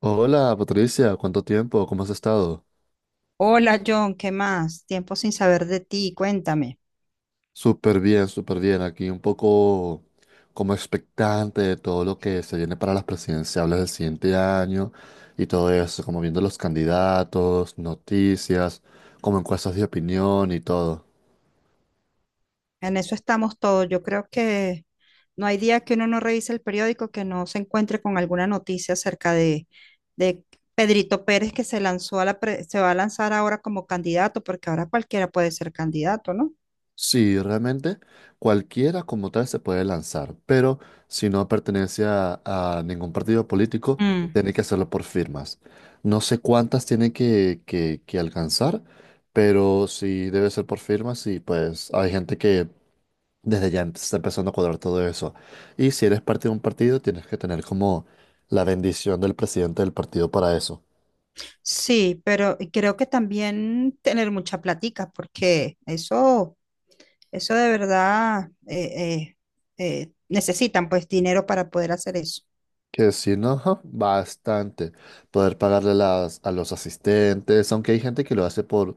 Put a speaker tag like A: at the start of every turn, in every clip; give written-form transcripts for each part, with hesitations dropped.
A: Hola Patricia, ¿cuánto tiempo? ¿Cómo has estado?
B: Hola John, ¿qué más? Tiempo sin saber de ti, cuéntame.
A: Súper bien, súper bien. Aquí un poco como expectante de todo lo que se viene para las presidenciales del siguiente año y todo eso, como viendo los candidatos, noticias, como encuestas de opinión y todo.
B: En eso estamos todos. Yo creo que no hay día que uno no revise el periódico que no se encuentre con alguna noticia acerca de Pedrito Pérez que se lanzó a la se va a lanzar ahora como candidato, porque ahora cualquiera puede ser candidato, ¿no?
A: Sí, realmente cualquiera como tal se puede lanzar, pero si no pertenece a ningún partido político,
B: Mm,
A: tiene que hacerlo por firmas. No sé cuántas tiene que alcanzar, pero sí debe ser por firmas y pues hay gente que desde ya está empezando a cuadrar todo eso. Y si eres parte de un partido, tienes que tener como la bendición del presidente del partido para eso.
B: sí, pero creo que también tener mucha platica, porque eso de verdad necesitan pues dinero para poder hacer eso.
A: Que sí, ¿no? Ajá, bastante. Poder pagarle las, a los asistentes, aunque hay gente que lo hace por,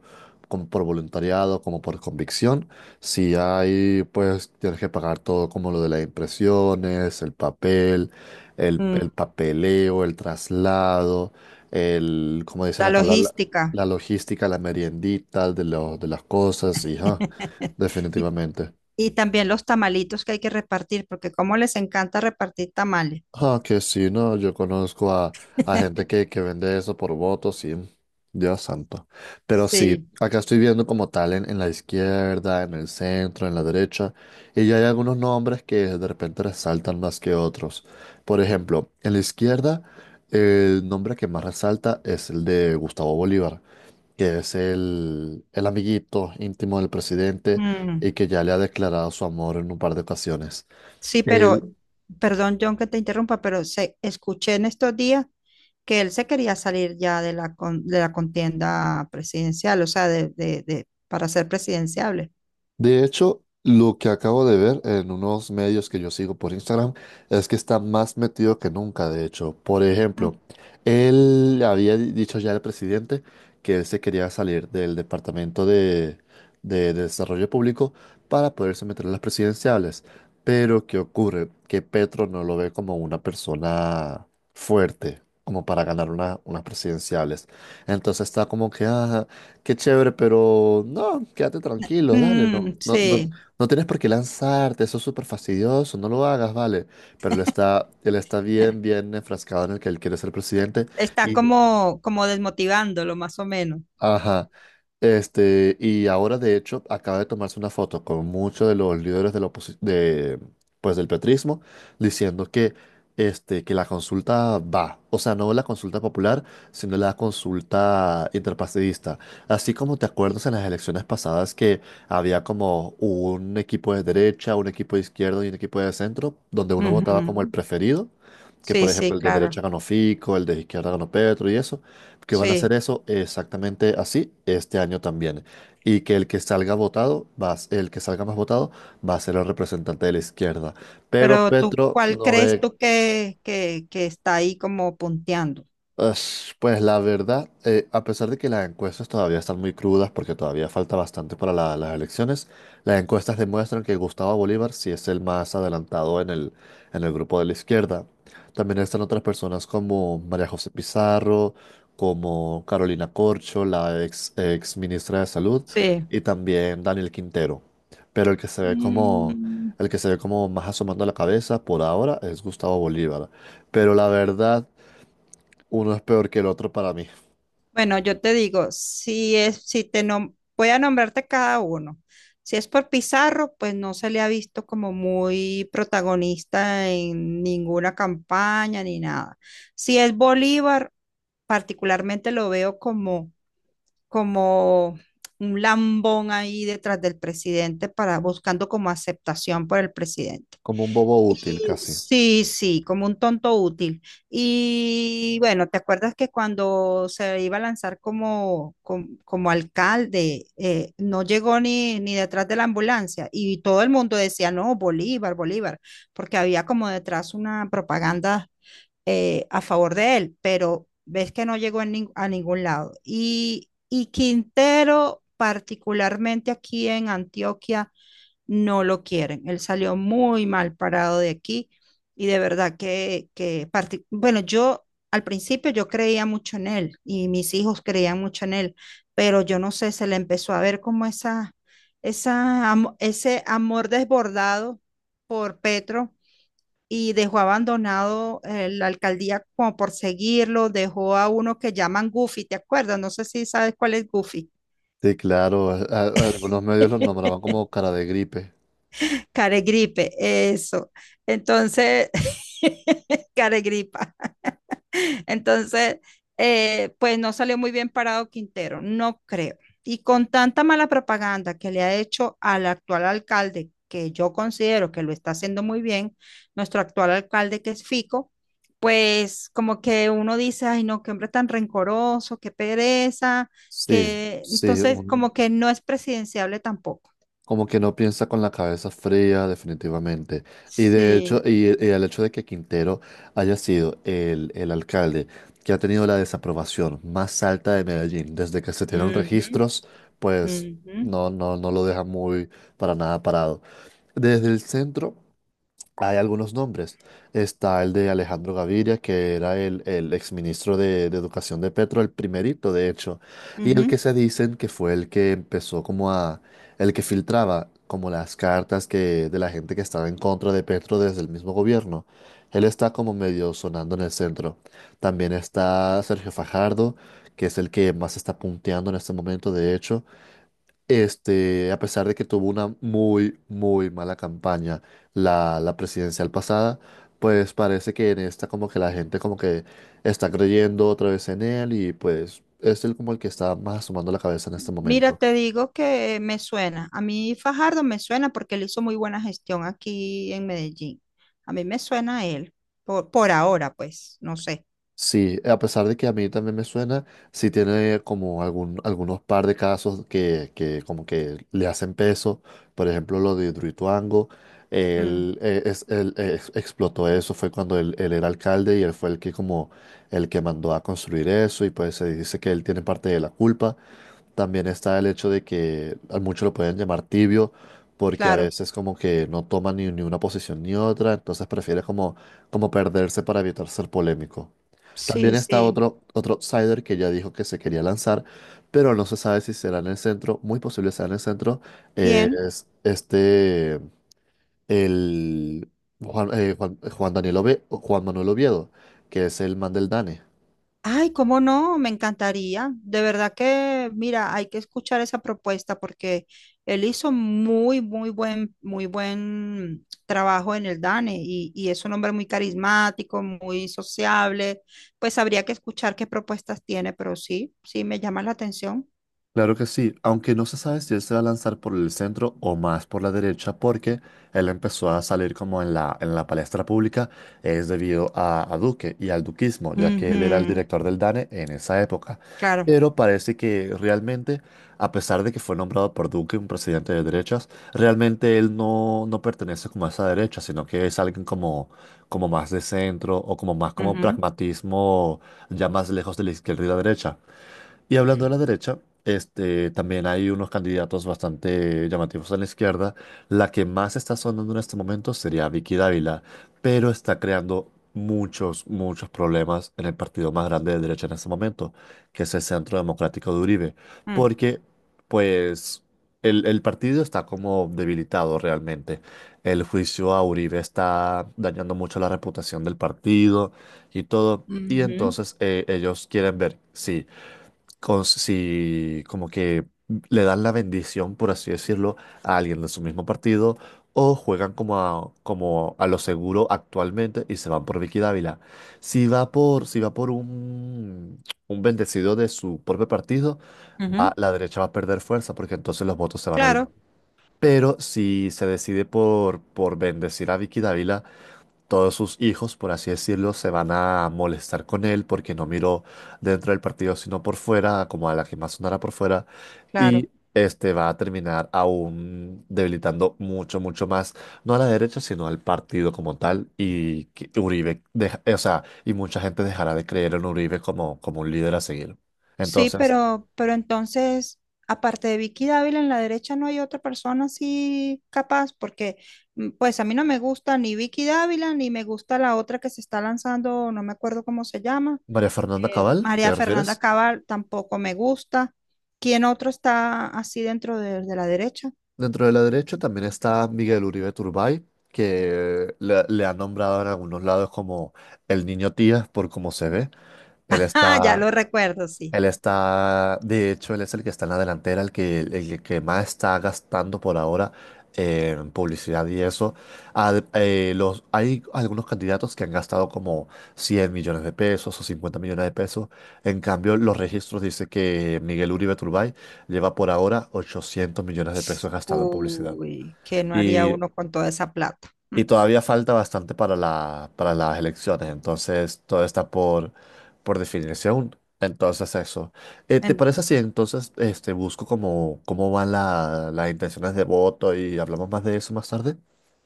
A: como por voluntariado, como por convicción. Si hay, pues tienes que pagar todo, como lo de las impresiones, el papel, el papeleo, el traslado, el, como dicen
B: La
A: acá, la, la
B: logística.
A: la logística, la meriendita de, lo- de las cosas, y ajá,
B: Y,
A: definitivamente.
B: y también los tamalitos que hay que repartir, porque como les encanta repartir tamales.
A: Ah, que sí, no, yo conozco a gente que vende eso por votos, sí, Dios santo. Pero sí,
B: Sí.
A: acá estoy viendo como tal en la izquierda, en el centro, en la derecha, y ya hay algunos nombres que de repente resaltan más que otros. Por ejemplo, en la izquierda, el nombre que más resalta es el de Gustavo Bolívar, que es el amiguito íntimo del presidente
B: Mm.
A: y que ya le ha declarado su amor en un par de ocasiones.
B: Sí, pero, perdón, John, que te interrumpa, pero escuché en estos días que él se quería salir ya de la, de la contienda presidencial, o sea, para ser presidenciable.
A: De hecho, lo que acabo de ver en unos medios que yo sigo por Instagram es que está más metido que nunca, de hecho. Por
B: Mm,
A: ejemplo, él había dicho ya al presidente que él se quería salir del Departamento de Desarrollo Público para poderse meter en las presidenciales. Pero, ¿qué ocurre? Que Petro no lo ve como una persona fuerte, como para ganar unas presidenciales. Entonces está como que: "Ah, qué chévere, pero no, quédate tranquilo, dale, no,
B: mm,
A: no, no,
B: sí,
A: no tienes por qué lanzarte, eso es súper fastidioso, no lo hagas, vale". Pero él está
B: eh,
A: bien, bien enfrascado en el que él quiere ser presidente
B: está
A: y
B: como, como desmotivándolo, más o menos.
A: ajá. Este, y ahora de hecho acaba de tomarse una foto con muchos de los líderes de la pues, del petrismo diciendo que, este, que la consulta va, o sea, no la consulta popular, sino la consulta interpartidista. Así como te acuerdas en las elecciones pasadas que había como un equipo de derecha, un equipo de izquierda y un equipo de centro, donde uno votaba como el
B: Ujú.
A: preferido, que por
B: Sí, sí,
A: ejemplo el de derecha
B: claro,
A: ganó Fico, el de izquierda ganó Petro y eso, que van a hacer
B: sí.
A: eso exactamente así este año también. Y que el que salga votado, el que salga más votado, va a ser el representante de la izquierda. Pero
B: Pero tú,
A: Petro
B: ¿cuál
A: no
B: crees
A: ve.
B: tú que, que está ahí como punteando?
A: Ush, pues la verdad, a pesar de que las encuestas todavía están muy crudas porque todavía falta bastante para las elecciones, las encuestas demuestran que Gustavo Bolívar sí es el más adelantado en el grupo de la izquierda. También están otras personas como María José Pizarro, como Carolina Corcho, la ex ministra de Salud,
B: Sí.
A: y también Daniel Quintero. Pero el que se ve como,
B: Mm.
A: el que se ve como más asomando la cabeza por ahora es Gustavo Bolívar. Pero la verdad... Uno es peor que el otro para mí,
B: Bueno, yo te digo, si es, si te voy a nombrarte cada uno. Si es por Pizarro, pues no se le ha visto como muy protagonista en ninguna campaña ni nada. Si es Bolívar, particularmente lo veo como un lambón ahí detrás del presidente para buscando como aceptación por el presidente.
A: como un bobo útil
B: Y
A: casi.
B: sí, sí, como un tonto útil. Y bueno, ¿te acuerdas que cuando se iba a lanzar como alcalde, no llegó ni detrás de la ambulancia? Y todo el mundo decía, no, Bolívar, Bolívar, porque había como detrás una propaganda a favor de él, pero ves que no llegó en a ningún lado. Y Quintero, particularmente aquí en Antioquia no lo quieren. Él salió muy mal parado de aquí y de verdad que bueno, yo al principio yo creía mucho en él y mis hijos creían mucho en él, pero yo no sé, se le empezó a ver como ese amor desbordado por Petro. Y dejó abandonado la alcaldía como por seguirlo, dejó a uno que llaman Goofy, ¿te acuerdas? No sé si sabes cuál es Goofy.
A: Sí, claro, algunos medios los nombraban como cara de gripe.
B: Caregripe, eso. Entonces, caregripa. Entonces, pues no salió muy bien parado Quintero, no creo. Y con tanta mala propaganda que le ha hecho al actual alcalde, que yo considero que lo está haciendo muy bien, nuestro actual alcalde que es Fico, pues como que uno dice, ay no, qué hombre tan rencoroso, qué pereza,
A: Sí,
B: que
A: sí,
B: entonces como que no es presidenciable tampoco.
A: como que no piensa con la cabeza fría, definitivamente. Y de hecho,
B: Sí.
A: y el hecho de que Quintero haya sido el alcalde que ha tenido la desaprobación más alta de Medellín desde que se tienen registros, pues
B: Ujú,
A: no, no, no lo deja muy para nada parado. Desde el centro. Hay algunos nombres. Está el de Alejandro Gaviria, que era el exministro de Educación de Petro, el primerito, de hecho, y el
B: ujú.
A: que se dicen que fue el que empezó como a, el que filtraba como las cartas que, de la gente que estaba en contra de Petro desde el mismo gobierno. Él está como medio sonando en el centro. También está Sergio Fajardo, que es el que más está punteando en este momento, de hecho. Este, a pesar de que tuvo una muy, muy mala campaña la presidencial pasada, pues parece que en esta como que la gente como que está creyendo otra vez en él y pues es él como el que está más asomando la cabeza en este
B: Mira,
A: momento.
B: te digo que me suena. A mí Fajardo me suena porque él hizo muy buena gestión aquí en Medellín. A mí me suena a él, por ahora, pues, no sé.
A: Sí, a pesar de que a mí también me suena, sí tiene como algún, algunos par de casos que como que le hacen peso. Por ejemplo, lo de Hidroituango,
B: Mm,
A: él, es- él, ex- explotó eso, fue cuando él, era alcalde y él fue el que como el que mandó a construir eso y pues se dice que él tiene parte de la culpa. También está el hecho de que a muchos lo pueden llamar tibio porque a
B: claro,
A: veces como que no toma ni una posición ni otra, entonces prefiere como, como perderse para evitar ser polémico. También
B: sí,
A: está
B: sí.
A: otro outsider que ya dijo que se quería lanzar, pero no se sabe si será en el centro, muy posible será en el centro. Eh,
B: ¿Quién?
A: es este, el Juan Manuel Oviedo, que es el man del DANE.
B: Ay, cómo no, me encantaría. De verdad que, mira, hay que escuchar esa propuesta porque él hizo muy buen trabajo en el DANE y es un hombre muy carismático, muy sociable. Pues habría que escuchar qué propuestas tiene, pero sí, sí, me llama la atención.
A: Claro que sí, aunque no se sabe si él se va a lanzar por el centro o más por la derecha, porque él empezó a salir como en la palestra pública, es debido a Duque y al duquismo, ya que él era el
B: Ujú,
A: director del DANE en esa época.
B: claro.
A: Pero parece que realmente, a pesar de que fue nombrado por Duque un presidente de derechas, realmente él no, no pertenece como a esa derecha, sino que es alguien como, como más de centro o como más como
B: Ujú,
A: pragmatismo, ya más lejos de la izquierda y la derecha. Y hablando de la derecha, este, también hay unos candidatos bastante llamativos a la izquierda. La que más está sonando en este momento sería Vicky Dávila, pero está creando muchos, muchos problemas en el partido más grande de derecha en este momento, que es el Centro Democrático de Uribe,
B: mm,
A: porque pues el partido está como debilitado realmente. El juicio a Uribe está dañando mucho la reputación del partido y todo. Y
B: ujú,
A: entonces ellos quieren ver si si como que le dan la bendición, por así decirlo, a alguien de su mismo partido, o juegan como a, como a lo seguro actualmente y se van por Vicky Dávila. Si va por, si va por un bendecido de su propio partido,
B: ujú.
A: la derecha va a perder fuerza porque entonces los votos se van a... di-.
B: Claro,
A: Pero si se decide por bendecir a Vicky Dávila, todos sus hijos, por así decirlo, se van a molestar con él porque no miró dentro del partido, sino por fuera, como a la que más sonara por fuera,
B: claro.
A: y este va a terminar aún debilitando mucho, mucho más, no a la derecha, sino al partido como tal, y que Uribe, o sea, y mucha gente dejará de creer en Uribe como, como un líder a seguir.
B: Sí,
A: Entonces,
B: pero entonces, aparte de Vicky Dávila, en la derecha no hay otra persona así capaz, porque mm, pues a mí no me gusta ni Vicky Dávila, ni me gusta la otra que se está lanzando, no me acuerdo cómo se llama.
A: María Fernanda Cabal,
B: María
A: ¿te
B: Fernanda
A: refieres?
B: Cabal tampoco me gusta. ¿Quién otro está así dentro de la derecha?
A: Dentro de la derecha también está Miguel Uribe Turbay, que le han nombrado en algunos lados como el niño tía por cómo se ve. Él
B: Ah, ya
A: está,
B: lo recuerdo, sí.
A: él está, de hecho, él es el que está en la delantera, el que más está gastando por ahora en publicidad y eso. Los, hay algunos candidatos que han gastado como 100 millones de pesos o 50 millones de pesos. En cambio, los registros dicen que Miguel Uribe Turbay lleva por ahora 800 millones de pesos gastado en publicidad.
B: Uy, ¿qué no haría
A: Y,
B: uno con toda esa plata?
A: y todavía falta bastante para la, para las elecciones, entonces todo está por definirse aún. Entonces eso. ¿Te
B: En-
A: parece si entonces este, busco cómo, cómo van las intenciones de voto y hablamos más de eso más tarde?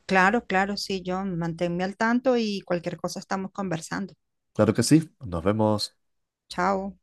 B: claro, claro, sí, John, manténme al tanto y cualquier cosa estamos conversando.
A: Claro que sí, nos vemos.
B: Chao.